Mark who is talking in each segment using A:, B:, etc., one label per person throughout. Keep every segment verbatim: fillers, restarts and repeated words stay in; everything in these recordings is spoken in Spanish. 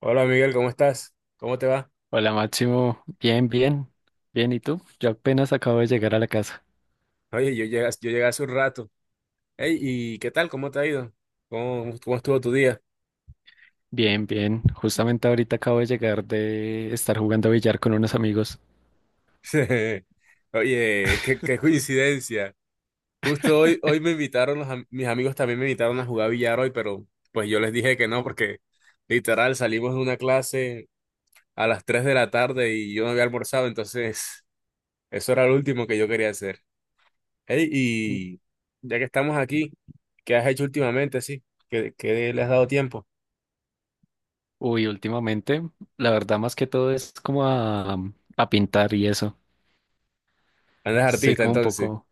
A: Hola Miguel, ¿cómo estás? ¿Cómo te va?
B: Hola Máximo, bien, bien, bien, ¿y tú? Yo apenas acabo de llegar a la casa.
A: Oye, yo llegué, yo llegué hace un rato. Hey, ¿y qué tal? ¿Cómo te ha ido? ¿Cómo, cómo estuvo tu día?
B: Bien, bien, justamente ahorita acabo de llegar de estar jugando billar con unos amigos.
A: Oye, qué, qué coincidencia. Justo hoy, hoy me invitaron, los am- mis amigos también me invitaron a jugar billar hoy, pero pues yo les dije que no, porque literal salimos de una clase a las tres de la tarde y yo no había almorzado, entonces eso era lo último que yo quería hacer. Hey, y ya que estamos aquí, ¿qué has hecho últimamente? Sí, ¿qué, qué le has dado tiempo?
B: Uy, últimamente, la verdad más que todo es como a, a pintar y eso.
A: Andas
B: Soy
A: artista,
B: como un
A: entonces.
B: poco.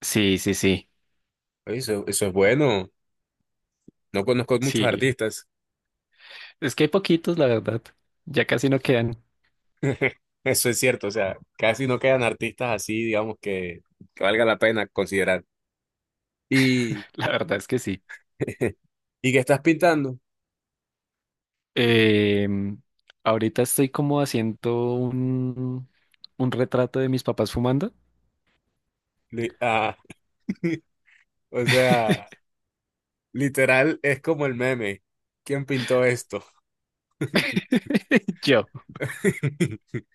B: Sí, sí, sí,
A: Oye, eso, eso es bueno. No conozco muchos
B: sí.
A: artistas.
B: Es que hay poquitos, la verdad. Ya casi no quedan.
A: Eso es cierto, o sea, casi no quedan artistas así, digamos, que, que valga la pena considerar. Y,
B: La verdad es que sí.
A: y qué estás pintando.
B: Em, Ahorita estoy como haciendo un, un retrato de mis papás fumando.
A: Li- ah, o sea, literal es como el meme. ¿Quién pintó esto?
B: Yo.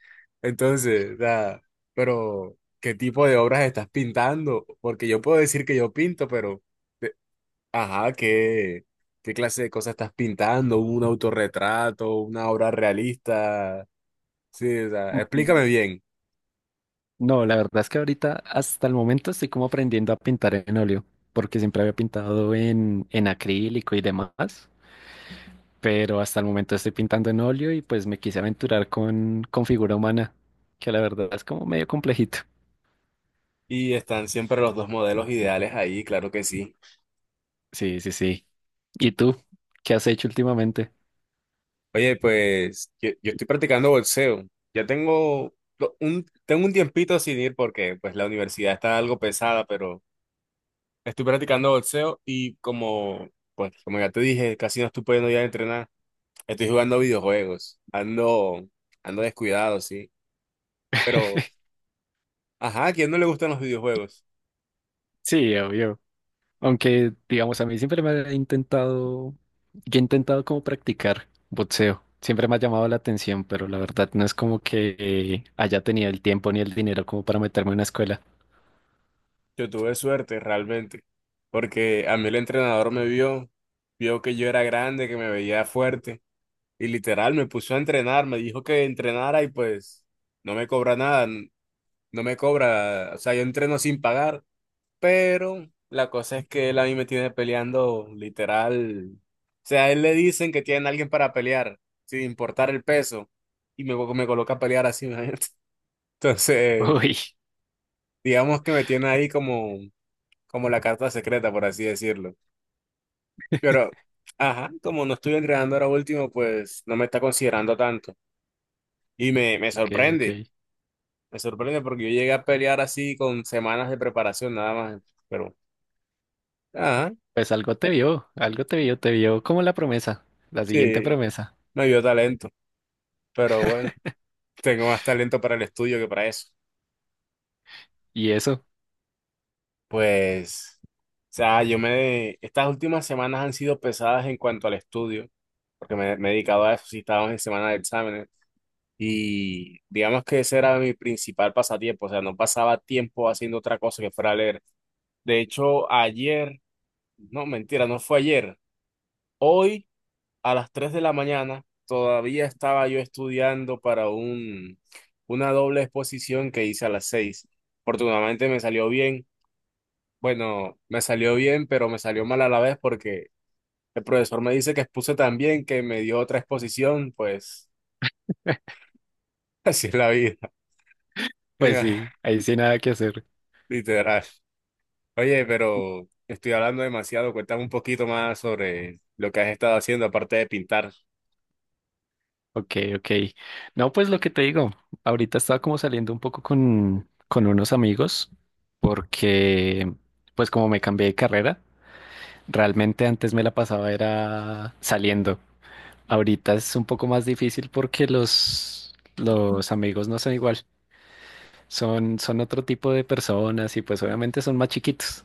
A: Entonces, o sea, pero ¿qué tipo de obras estás pintando? Porque yo puedo decir que yo pinto, pero. Ajá, ¿qué, qué clase de cosas estás pintando? ¿Un autorretrato? ¿Una obra realista? Sí, o sea,
B: Mm,
A: explícame bien.
B: No, la verdad es que ahorita, hasta el momento, estoy como aprendiendo a pintar en óleo, porque siempre había pintado en, en acrílico y demás, pero hasta el momento estoy pintando en óleo y pues me quise aventurar con, con figura humana, que la verdad es como medio complejito.
A: Y están siempre los dos modelos ideales ahí, claro que sí.
B: Sí, sí, sí. ¿Y tú? ¿Qué has hecho últimamente?
A: Oye, pues yo, yo estoy practicando boxeo. Ya tengo lo- un, tengo un tiempito sin ir porque pues la universidad está algo pesada, pero estoy practicando boxeo y como, pues, como ya te dije, casi no estoy pudiendo ya entrenar. Estoy jugando videojuegos. Ando, ando descuidado, sí. Pero. Ajá, ¿a quién no le gustan los videojuegos?
B: Sí, obvio. Aunque, digamos, a mí siempre me ha intentado, yo he intentado como practicar boxeo. Siempre me ha llamado la atención, pero la verdad no es como que eh, haya tenido el tiempo ni el dinero como para meterme en una escuela.
A: Yo tuve suerte realmente, porque a mí el entrenador me vio, vio que yo era grande, que me veía fuerte, y literal me puso a entrenar, me dijo que entrenara y pues no me cobra nada, n- no me cobra, o sea, yo entreno sin pagar, pero la cosa es que él a mí me tiene peleando literal, o sea, a él le dicen que tienen a alguien para pelear, sin importar el peso, y me, me coloca a pelear así, imagínate. Entonces
B: Uy,
A: digamos que me tiene ahí como como la carta secreta, por así decirlo. Pero, ajá, como no estoy entrenando ahora último, pues no me está considerando tanto. Y me, me
B: ok,
A: sorprende,
B: ok.
A: me sorprende porque yo llegué a pelear así con semanas de preparación nada más. Pero, ajá,
B: Pues algo te vio, algo te vio, te vio como la promesa, la siguiente
A: sí,
B: promesa.
A: me dio talento. Pero bueno, tengo más talento para el estudio que para eso.
B: Y eso,
A: Pues, o sea, yo me... Estas últimas semanas han sido pesadas en cuanto al estudio, porque me, me he dedicado a eso, sí, estábamos en semana de exámenes. Y digamos que ese era mi principal pasatiempo, o sea, no pasaba tiempo haciendo otra cosa que fuera leer. De hecho, ayer, no, mentira, no fue ayer, hoy a las tres de la mañana todavía estaba yo estudiando para un, una doble exposición que hice a las seis. Afortunadamente me salió bien, bueno, me salió bien, pero me salió mal a la vez porque el profesor me dice que expuse tan bien que me dio otra exposición, pues así es la vida,
B: pues sí, ahí sí nada que hacer.
A: literal. Oye, pero estoy hablando demasiado. Cuéntame un poquito más sobre lo que has estado haciendo aparte de pintar. O
B: Ok, ok. No, pues lo que te digo, ahorita estaba como saliendo un poco con, con unos amigos porque, pues como me cambié de carrera. Realmente antes me la pasaba era saliendo. Ahorita es un poco más difícil porque los, los amigos no son igual. Son, son otro tipo de personas y pues obviamente son más chiquitos.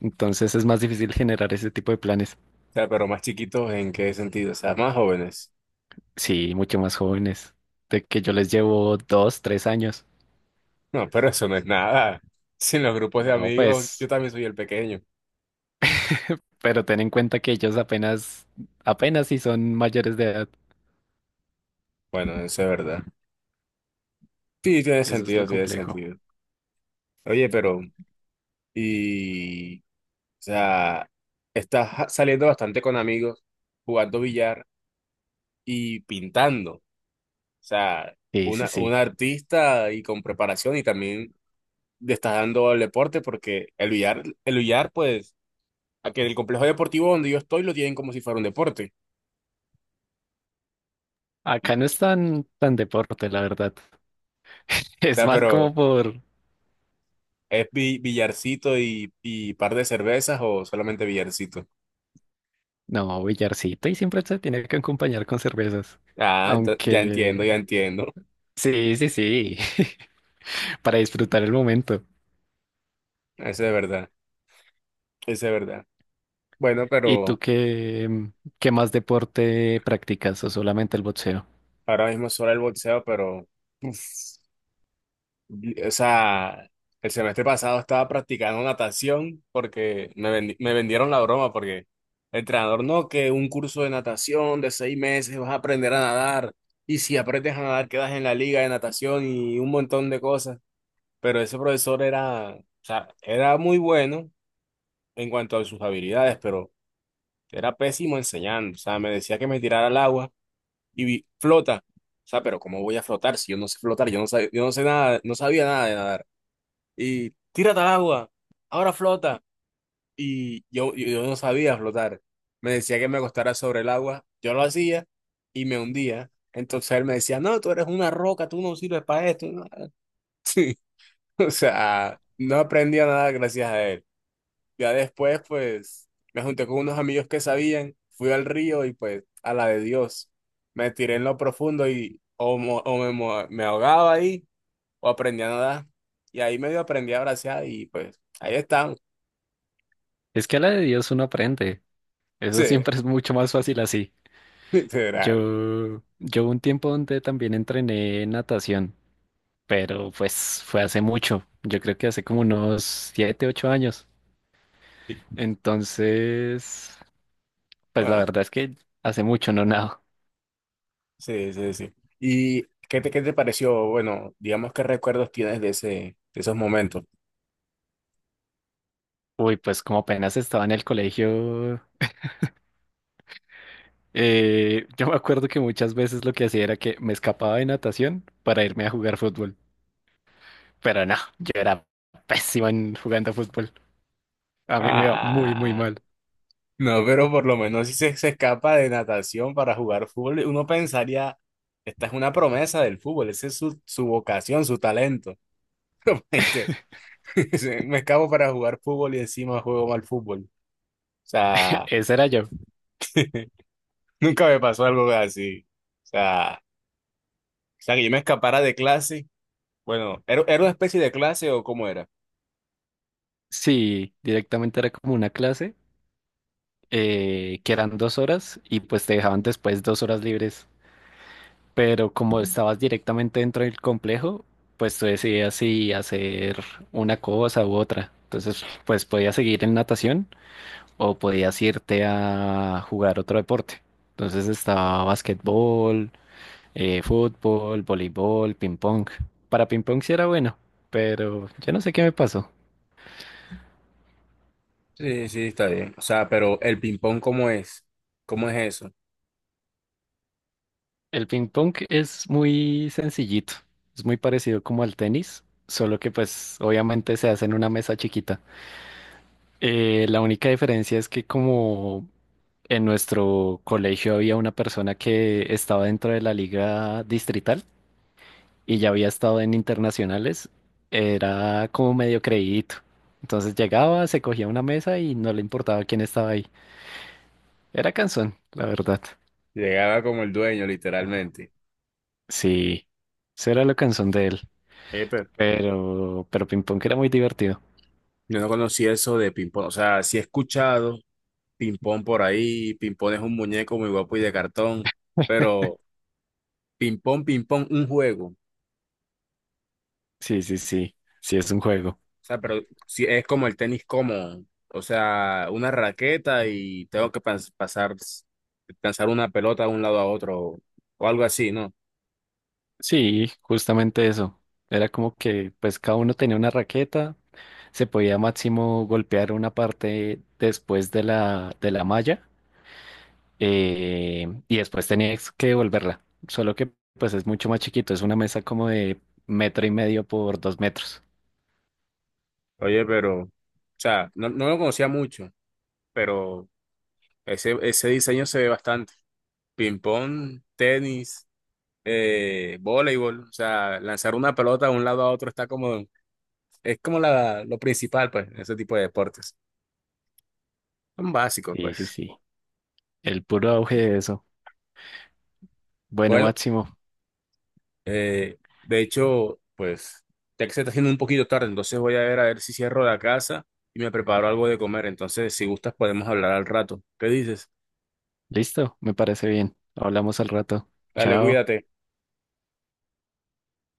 B: Entonces es más difícil generar ese tipo de planes.
A: sea, pero más chiquitos, ¿en qué sentido? O sea, más jóvenes.
B: Sí, mucho más jóvenes. De que yo les llevo dos, tres años.
A: No, pero eso no es nada. Sin los grupos de
B: No,
A: amigos, yo
B: pues,
A: también soy el pequeño.
B: pero ten en cuenta que ellos apenas, apenas si son mayores de edad.
A: Bueno, eso es verdad. Sí, tiene
B: Eso es
A: sentido,
B: lo
A: tiene
B: complejo.
A: sentido. Oye, pero, y, o sea, estás ja- saliendo bastante con amigos, jugando billar y pintando. O sea,
B: Sí, sí,
A: una, un
B: sí.
A: artista y con preparación y también le está dando al deporte porque el billar, el billar, pues, aquí en el complejo deportivo donde yo estoy lo tienen como si fuera un deporte. Y-
B: Acá no
A: o
B: es tan, tan deporte, la verdad. Es
A: sea,
B: más
A: pero
B: como por,
A: ¿es bi- billarcito y, y par de cervezas o solamente billarcito?
B: no, billarcito y siempre se tiene que acompañar con cervezas.
A: Ah, ento- ya entiendo,
B: Aunque,
A: ya entiendo.
B: sí, sí, sí, para disfrutar el momento.
A: Eso es verdad, eso es verdad. Bueno,
B: ¿Y
A: pero
B: tú qué, qué más deporte practicas o solamente el boxeo?
A: ahora mismo solo el boxeo. pero... uf, O sea, el semestre pasado estaba practicando natación porque me, vendi- me vendieron la broma porque el entrenador, no, que un curso de natación de seis meses vas a aprender a nadar y si aprendes a nadar quedas en la liga de natación y un montón de cosas. Pero ese profesor era, o sea, era muy bueno en cuanto a sus habilidades, pero era pésimo enseñando. O sea, me decía que me tirara al agua y vi, flota. O sea, pero ¿cómo voy a flotar si yo no sé flotar? Yo no sab- yo no sé nada, no sabía nada de nadar y tírate al agua, ahora flota. Y yo, yo yo no sabía flotar. Me decía que me acostara sobre el agua, yo lo hacía y me hundía. Entonces él me decía, no, tú eres una roca, tú no sirves para esto. No". Sí, o sea, no aprendía nada gracias a él. Ya después, pues, me junté con unos amigos que sabían, fui al río y pues, a la de Dios, me tiré en lo profundo y o, mo- o me, mo- me ahogaba ahí o aprendí a nadar. Y ahí medio aprendí a bracear y pues, ahí estamos.
B: Es que a la de Dios uno aprende. Eso
A: Sí,
B: siempre es mucho más fácil así.
A: literal.
B: Yo, yo hubo un tiempo donde también entrené natación, pero pues fue hace mucho. Yo creo que hace como unos siete, ocho años.
A: Sí.
B: Entonces, Pues la
A: Bueno,
B: verdad es que hace mucho no nado.
A: sí, sí, sí. ¿Y qué te, qué te pareció? Bueno, digamos, ¿qué recuerdos tienes de ese, de esos momentos?
B: Uy, pues como apenas estaba en el colegio, eh, yo me acuerdo que muchas veces lo que hacía era que me escapaba de natación para irme a jugar fútbol. Pero no, yo era pésimo en jugando fútbol. A mí me iba muy, muy
A: Ah,
B: mal.
A: no, pero por lo menos si se, se escapa de natación para jugar fútbol, uno pensaría, esta es una promesa del fútbol, esa es su, su vocación, su talento. Este, Me escapo para jugar fútbol y encima juego mal fútbol. O sea,
B: Ese era yo.
A: nunca me pasó algo así. O sea, o sea, que yo me escapara de clase. Bueno, ¿era, era una especie de clase o cómo era?
B: Sí, directamente era como una clase, eh, que eran dos horas y pues te dejaban después dos horas libres. Pero como estabas directamente dentro del complejo, pues tú decidías si hacer una cosa u otra. Entonces, pues podías seguir en natación o podías irte a jugar otro deporte. Entonces estaba basquetbol, eh, fútbol, voleibol, ping pong. Para ping pong sí era bueno, pero yo no sé qué me pasó.
A: Sí, sí, está bien. O sea, pero el ping-pong, ¿cómo es? ¿Cómo es eso?
B: El ping pong es muy sencillito, es muy parecido como al tenis, solo que pues obviamente se hace en una mesa chiquita. Eh, la única diferencia es que como en nuestro colegio había una persona que estaba dentro de la liga distrital y ya había estado en internacionales, era como medio creídito. Entonces llegaba, se cogía una mesa y no le importaba quién estaba ahí. Era cansón, la verdad.
A: Llegaba como el dueño, literalmente.
B: Sí, eso era lo cansón de él.
A: Eh, pero-
B: Pero, pero ping pong era muy divertido.
A: Yo no conocía eso de ping-pong. O sea, sí he escuchado ping-pong por ahí. Ping-pong es un muñeco muy guapo y de cartón. Pero ping-pong, ping-pong, un juego.
B: Sí, sí, sí. Sí, es un juego.
A: O sea, pero sí es como el tenis como, O sea, una raqueta y tengo que pas- pasar, lanzar una pelota de un lado a otro o algo así, ¿no?
B: Sí, justamente eso. Era como que pues cada uno tenía una raqueta. Se podía máximo golpear una parte después de la, de la malla, eh, y después tenías que devolverla. Solo que pues es mucho más chiquito, es una mesa como de metro y medio por dos metros.
A: Oye, pero, o sea, no, no lo conocía mucho, pero ese, ese diseño se ve bastante. Ping-pong, tenis, eh, voleibol, o sea, lanzar una pelota de un lado a otro está como, es como la, lo principal, pues, en ese tipo de deportes. Son básicos,
B: Sí, sí,
A: pues.
B: sí. El puro auge de eso. Bueno,
A: Bueno,
B: Máximo.
A: eh, de hecho, pues, ya que se está haciendo un poquito tarde, entonces voy a ver a ver si cierro la casa y me preparo algo de comer. Entonces, si gustas, podemos hablar al rato. ¿Qué dices?
B: Listo, me parece bien. Hablamos al rato.
A: Dale,
B: Chao.
A: cuídate.